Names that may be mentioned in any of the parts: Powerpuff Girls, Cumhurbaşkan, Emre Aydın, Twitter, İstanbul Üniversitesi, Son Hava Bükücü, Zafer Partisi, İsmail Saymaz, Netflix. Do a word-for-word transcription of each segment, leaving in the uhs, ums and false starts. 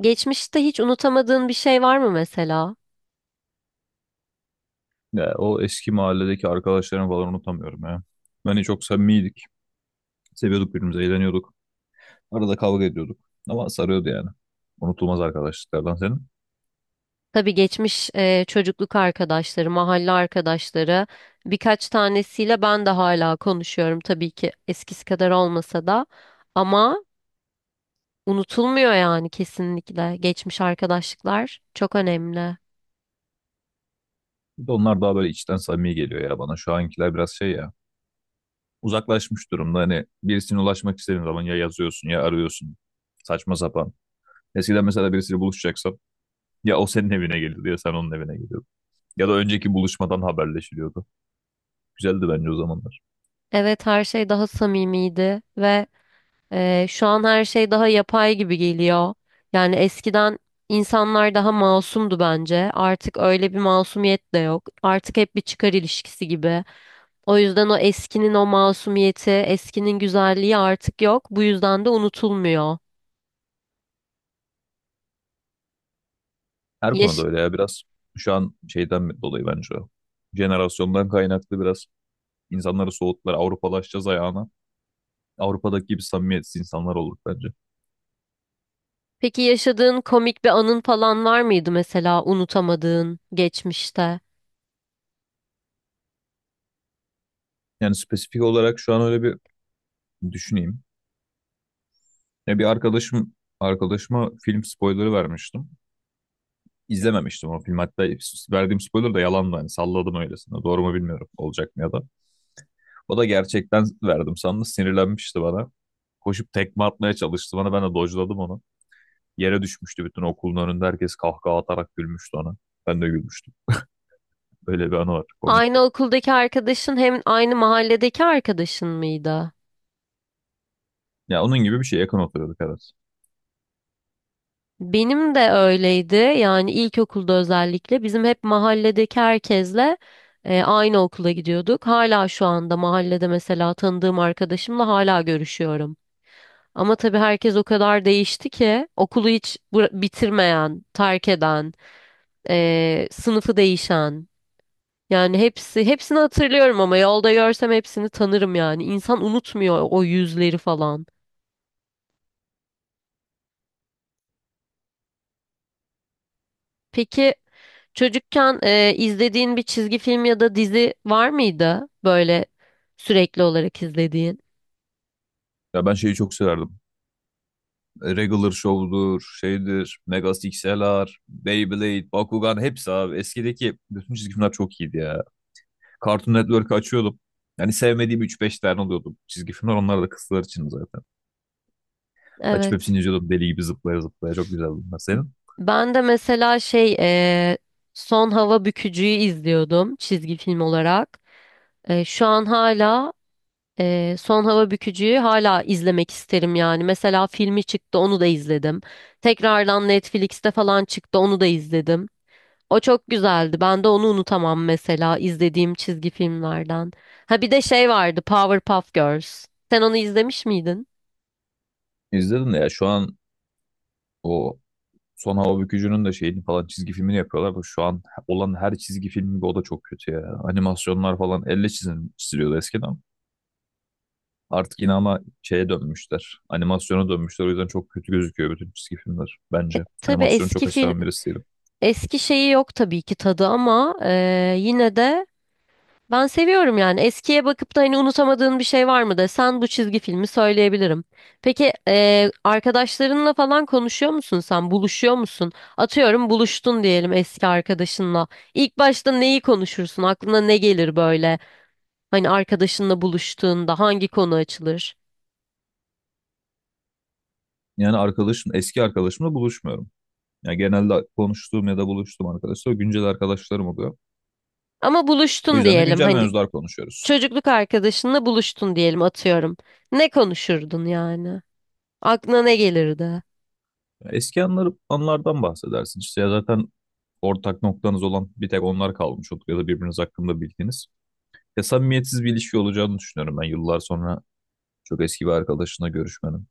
Geçmişte hiç unutamadığın bir şey var mı mesela? Ya, o eski mahalledeki arkadaşlarımı falan unutamıyorum ya. Hani çok samimiydik. Seviyorduk birbirimizi, eğleniyorduk. Arada kavga ediyorduk. Ama sarıyordu yani. Unutulmaz arkadaşlıklardan senin. Tabii geçmiş e, çocukluk arkadaşları, mahalle arkadaşları birkaç tanesiyle ben de hala konuşuyorum, tabii ki eskisi kadar olmasa da, ama unutulmuyor yani kesinlikle. Geçmiş arkadaşlıklar çok önemli. Bir de onlar daha böyle içten samimi geliyor ya bana. Şu ankiler biraz şey ya. Uzaklaşmış durumda. Hani birisine ulaşmak istediğin zaman ya yazıyorsun ya arıyorsun. Saçma sapan. Eskiden mesela birisiyle buluşacaksam ya o senin evine geliyordu ya sen onun evine geliyordun. Ya da önceki buluşmadan haberleşiliyordu. Güzeldi bence o zamanlar. Evet, her şey daha samimiydi ve Ee, şu an her şey daha yapay gibi geliyor. Yani eskiden insanlar daha masumdu bence. Artık öyle bir masumiyet de yok. Artık hep bir çıkar ilişkisi gibi. O yüzden o eskinin o masumiyeti, eskinin güzelliği artık yok. Bu yüzden de unutulmuyor. Her konuda Yaş- öyle ya biraz şu an şeyden dolayı bence o. Jenerasyondan kaynaklı biraz insanları soğuttular. Avrupalaşacağız ayağına. Avrupa'daki gibi samimiyetsiz insanlar olduk bence. Peki yaşadığın komik bir anın falan var mıydı mesela unutamadığın geçmişte? Yani spesifik olarak şu an öyle bir düşüneyim. Ya bir arkadaşım arkadaşıma film spoilerı vermiştim. İzlememiştim o film. Hatta verdiğim spoiler da yalandı. Hani salladım öylesine. Doğru mu bilmiyorum olacak mı ya da. O da gerçekten verdim sandı. Sinirlenmişti bana. Koşup tekme atmaya çalıştı bana. Ben de dojladım onu. Yere düşmüştü bütün okulun önünde. Herkes kahkaha atarak gülmüştü ona. Ben de gülmüştüm. Böyle bir anı var. Aynı Komikti. okuldaki arkadaşın hem aynı mahalledeki arkadaşın mıydı? Ya onun gibi bir şey, yakın oturuyorduk, evet. Benim de öyleydi. Yani ilkokulda özellikle bizim hep mahalledeki herkesle e, aynı okula gidiyorduk. Hala şu anda mahallede mesela tanıdığım arkadaşımla hala görüşüyorum. Ama tabii herkes o kadar değişti ki, okulu hiç bıra- bitirmeyen, terk eden, e, sınıfı değişen. Yani hepsi hepsini hatırlıyorum, ama yolda görsem hepsini tanırım yani. İnsan unutmuyor o yüzleri falan. Peki, çocukken e, izlediğin bir çizgi film ya da dizi var mıydı böyle sürekli olarak izlediğin? Ya ben şeyi çok severdim. Regular Show'dur, şeydir, Mega X L R, Beyblade, Bakugan hepsi abi. Eskideki bütün çizgi filmler çok iyiydi ya. Cartoon Network'ı açıyordum. Yani sevmediğim üç beş tane oluyordu çizgi filmler. Onlar da kızlar için zaten. Açıp Evet. hepsini izliyordum deli gibi zıplaya zıplaya. Çok güzeldi. Senin? Ben de mesela şey, e, Son Hava Bükücü'yü izliyordum çizgi film olarak. E, şu an hala Ee, Son Hava Bükücü'yü hala izlemek isterim yani. Mesela filmi çıktı, onu da izledim. Tekrardan Netflix'te falan çıktı, onu da izledim. O çok güzeldi. Ben de onu unutamam mesela izlediğim çizgi filmlerden. Ha, bir de şey vardı, Powerpuff Girls. Sen onu izlemiş miydin? İzledim de ya şu an o Son Hava Bükücü'nün de şeyini falan, çizgi filmini yapıyorlar. Bu şu an olan her çizgi film gibi o da çok kötü ya. Animasyonlar falan elle çizim, çiziliyordu eskiden. Artık yine ama şeye dönmüşler. Animasyona dönmüşler. O yüzden çok kötü gözüküyor bütün çizgi filmler E, bence. Tabii Animasyonu eski çok film seven birisi değilim. eski şeyi yok tabii ki tadı, ama e, yine de ben seviyorum yani. Eskiye bakıp da hani unutamadığın bir şey var mı desen, bu çizgi filmi söyleyebilirim. Peki, eee, arkadaşlarınla falan konuşuyor musun sen? Buluşuyor musun? Atıyorum, buluştun diyelim eski arkadaşınla. İlk başta neyi konuşursun? Aklına ne gelir böyle? Hani arkadaşınla buluştuğunda hangi konu açılır? Yani arkadaşım, eski arkadaşımla buluşmuyorum. Yani genelde konuştuğum ya da buluştuğum arkadaşlar güncel arkadaşlarım oluyor. Ama O buluştun yüzden de diyelim. güncel Hani mevzular konuşuyoruz. çocukluk arkadaşınla buluştun diyelim, atıyorum. Ne konuşurdun yani? Aklına ne gelirdi? Eski anları, anlardan bahsedersin. İşte ya zaten ortak noktanız olan bir tek onlar kalmış olur ya da birbiriniz hakkında bildiğiniz. Ya samimiyetsiz bir ilişki olacağını düşünüyorum ben yıllar sonra çok eski bir arkadaşına görüşmenin.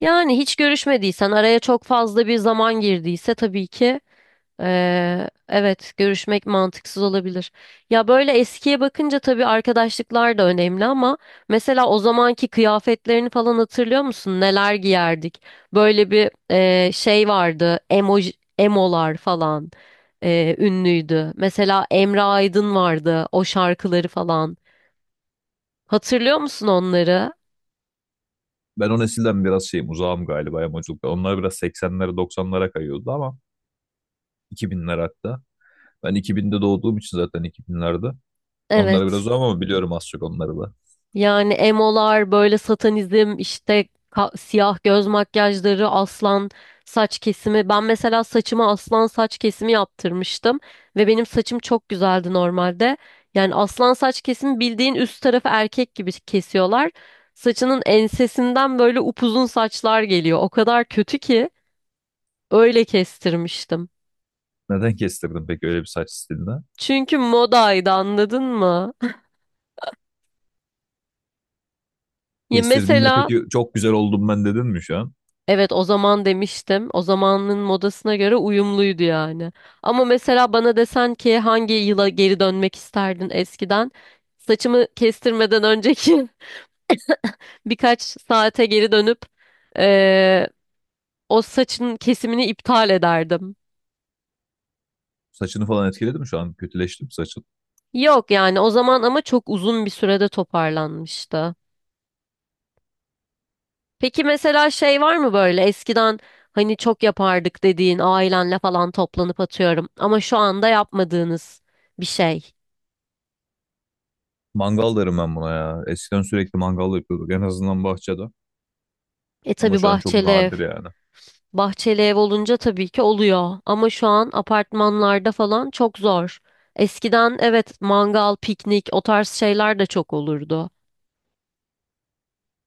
Yani hiç görüşmediysen, araya çok fazla bir zaman girdiyse, tabii ki Ee, evet, görüşmek mantıksız olabilir. Ya, böyle eskiye bakınca tabii arkadaşlıklar da önemli, ama mesela o zamanki kıyafetlerini falan hatırlıyor musun? Neler giyerdik? Böyle bir e, şey vardı, emo, emolar falan e, ünlüydü. Mesela Emre Aydın vardı, o şarkıları falan. Hatırlıyor musun onları? Ben o nesilden biraz şeyim, uzağım galiba yamuculukta. Onlar biraz seksenlere doksanlara kayıyordu ama iki binlere hatta. Ben iki binde doğduğum için zaten iki binlerde. Onlara biraz Evet. uzağım ama biliyorum az çok onları da. Yani emolar, böyle satanizm, işte ka- siyah göz makyajları, aslan saç kesimi. Ben mesela saçıma aslan saç kesimi yaptırmıştım ve benim saçım çok güzeldi normalde. Yani aslan saç kesimi, bildiğin üst tarafı erkek gibi kesiyorlar. Saçının ensesinden böyle upuzun saçlar geliyor. O kadar kötü ki, öyle kestirmiştim. Neden kestirdin peki öyle bir saç stilinde? Çünkü modaydı, anladın mı? Ya Kestirdiğinde mesela. peki çok güzel oldum ben dedin mi şu an? Evet, o zaman demiştim. O zamanın modasına göre uyumluydu yani. Ama mesela bana desen ki hangi yıla geri dönmek isterdin eskiden, saçımı kestirmeden önceki birkaç saate geri dönüp eee, o saçın kesimini iptal ederdim. Saçını falan etkiledi mi şu an? Kötüleşti mi saçın? Yok yani o zaman, ama çok uzun bir sürede toparlanmıştı. Peki mesela şey var mı, böyle eskiden hani çok yapardık dediğin, ailenle falan toplanıp atıyorum, ama şu anda yapmadığınız bir şey? Mangal derim ben buna ya. Eskiden sürekli mangal yapıyorduk en azından bahçede. E, Ama tabii, şu an çok bahçeli ev. nadir yani. Bahçeli ev olunca tabii ki oluyor. Ama şu an apartmanlarda falan çok zor. Eskiden evet, mangal, piknik, o tarz şeyler de çok olurdu.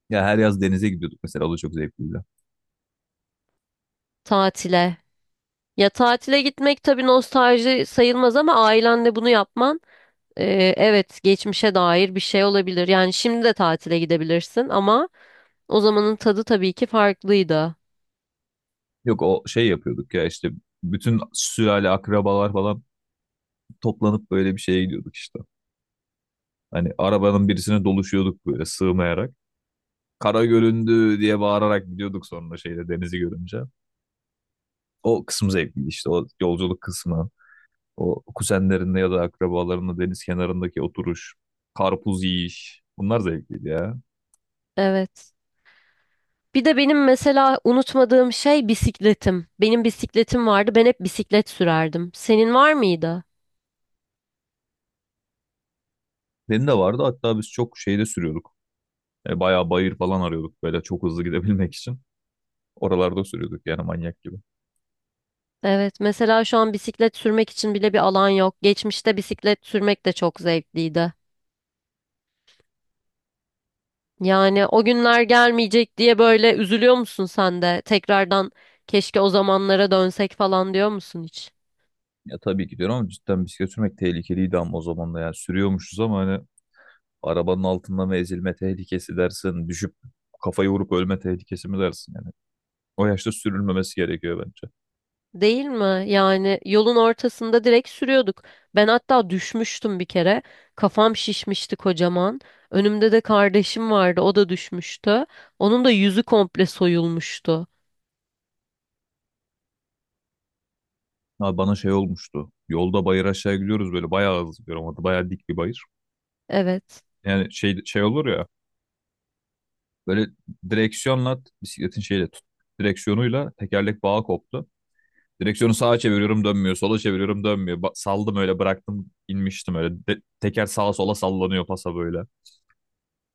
Ya her yaz denize gidiyorduk mesela, o da çok zevkliydi. Tatile. Ya, tatile gitmek tabii nostalji sayılmaz, ama ailenle bunu yapman, e, evet, geçmişe dair bir şey olabilir. Yani şimdi de tatile gidebilirsin, ama o zamanın tadı tabii ki farklıydı. Yok o şey yapıyorduk ya işte, bütün sülale akrabalar falan toplanıp böyle bir şeye gidiyorduk işte. Hani arabanın birisine doluşuyorduk böyle sığmayarak. Kara göründü diye bağırarak gidiyorduk sonra şeyde denizi görünce. O kısım zevkliydi, işte o yolculuk kısmı. O kuzenlerinde ya da akrabalarında deniz kenarındaki oturuş, karpuz yiyiş. Bunlar zevkliydi ya. Evet. Bir de benim mesela unutmadığım şey, bisikletim. Benim bisikletim vardı. Ben hep bisiklet sürerdim. Senin var mıydı? Benim de vardı. Hatta biz çok şeyde sürüyorduk. E, bayağı bayır falan arıyorduk böyle çok hızlı gidebilmek için. Oralarda sürüyorduk yani manyak gibi. Evet, mesela şu an bisiklet sürmek için bile bir alan yok. Geçmişte bisiklet sürmek de çok zevkliydi. Yani o günler gelmeyecek diye böyle üzülüyor musun sen de? Tekrardan keşke o zamanlara dönsek falan diyor musun hiç? Ya tabii ki diyorum, ama cidden bisiklet sürmek tehlikeliydi ama o zaman da, yani sürüyormuşuz ama hani arabanın altında mı ezilme tehlikesi dersin, düşüp kafayı vurup ölme tehlikesi mi dersin yani. O yaşta sürülmemesi gerekiyor bence. Değil mi? Yani yolun ortasında direkt sürüyorduk. Ben hatta düşmüştüm bir kere. Kafam şişmişti kocaman. Önümde de kardeşim vardı. O da düşmüştü. Onun da yüzü komple soyulmuştu. Abi bana şey olmuştu. Yolda bayır aşağı gidiyoruz, böyle bayağı hızlı gidiyorum. Orada bayağı dik bir bayır. Evet. Yani şey şey olur ya, böyle direksiyonla bisikletin şeyle tut, direksiyonuyla tekerlek bağı koptu. Direksiyonu sağa çeviriyorum dönmüyor, sola çeviriyorum dönmüyor. Ba- saldım öyle, bıraktım, inmiştim öyle. De- teker sağa sola sallanıyor pasa böyle.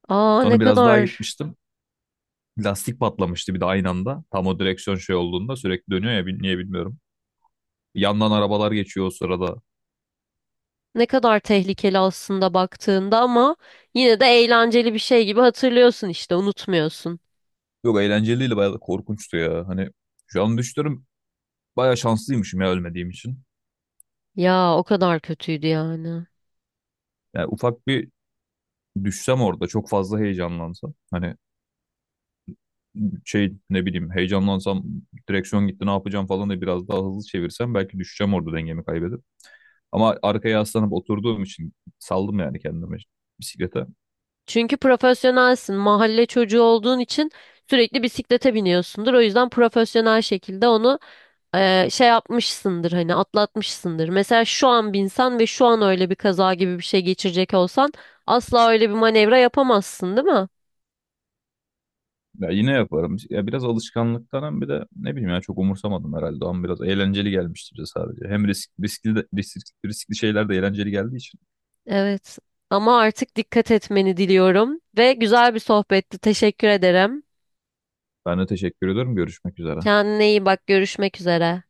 Aa, ne Sonra biraz daha kadar gitmiştim. Lastik patlamıştı bir de aynı anda. Tam o direksiyon şey olduğunda sürekli dönüyor ya, bil- niye bilmiyorum. Yandan arabalar geçiyor o sırada. ne kadar tehlikeli aslında baktığında, ama yine de eğlenceli bir şey gibi hatırlıyorsun işte, unutmuyorsun. Yok, eğlenceliydi, bayağı da korkunçtu ya. Hani şu an düşünüyorum, bayağı şanslıymışım ya ölmediğim için. Ya, o kadar kötüydü yani. Yani ufak bir düşsem orada, çok fazla heyecanlansam. Hani şey, ne bileyim, heyecanlansam, direksiyon gitti ne yapacağım falan, da biraz daha hızlı çevirsem belki düşeceğim orada dengemi kaybedip. Ama arkaya yaslanıp oturduğum için saldım yani kendime, bisiklete. Çünkü profesyonelsin. Mahalle çocuğu olduğun için sürekli bisiklete biniyorsundur. O yüzden profesyonel şekilde onu e, şey yapmışsındır, hani atlatmışsındır. Mesela şu an binsen ve şu an öyle bir kaza gibi bir şey geçirecek olsan, asla öyle bir manevra yapamazsın, değil mi? Ya yine yaparım. Ya biraz alışkanlıktan, hem bir de ne bileyim ya, çok umursamadım herhalde. Ama biraz eğlenceli gelmişti bize sadece. Hem risk, riskli, de- risk- riskli şeyler de eğlenceli geldiği için. Evet. Ama artık dikkat etmeni diliyorum ve güzel bir sohbetti. Teşekkür ederim. Ben de teşekkür ediyorum. Görüşmek üzere. Kendine iyi bak. Görüşmek üzere.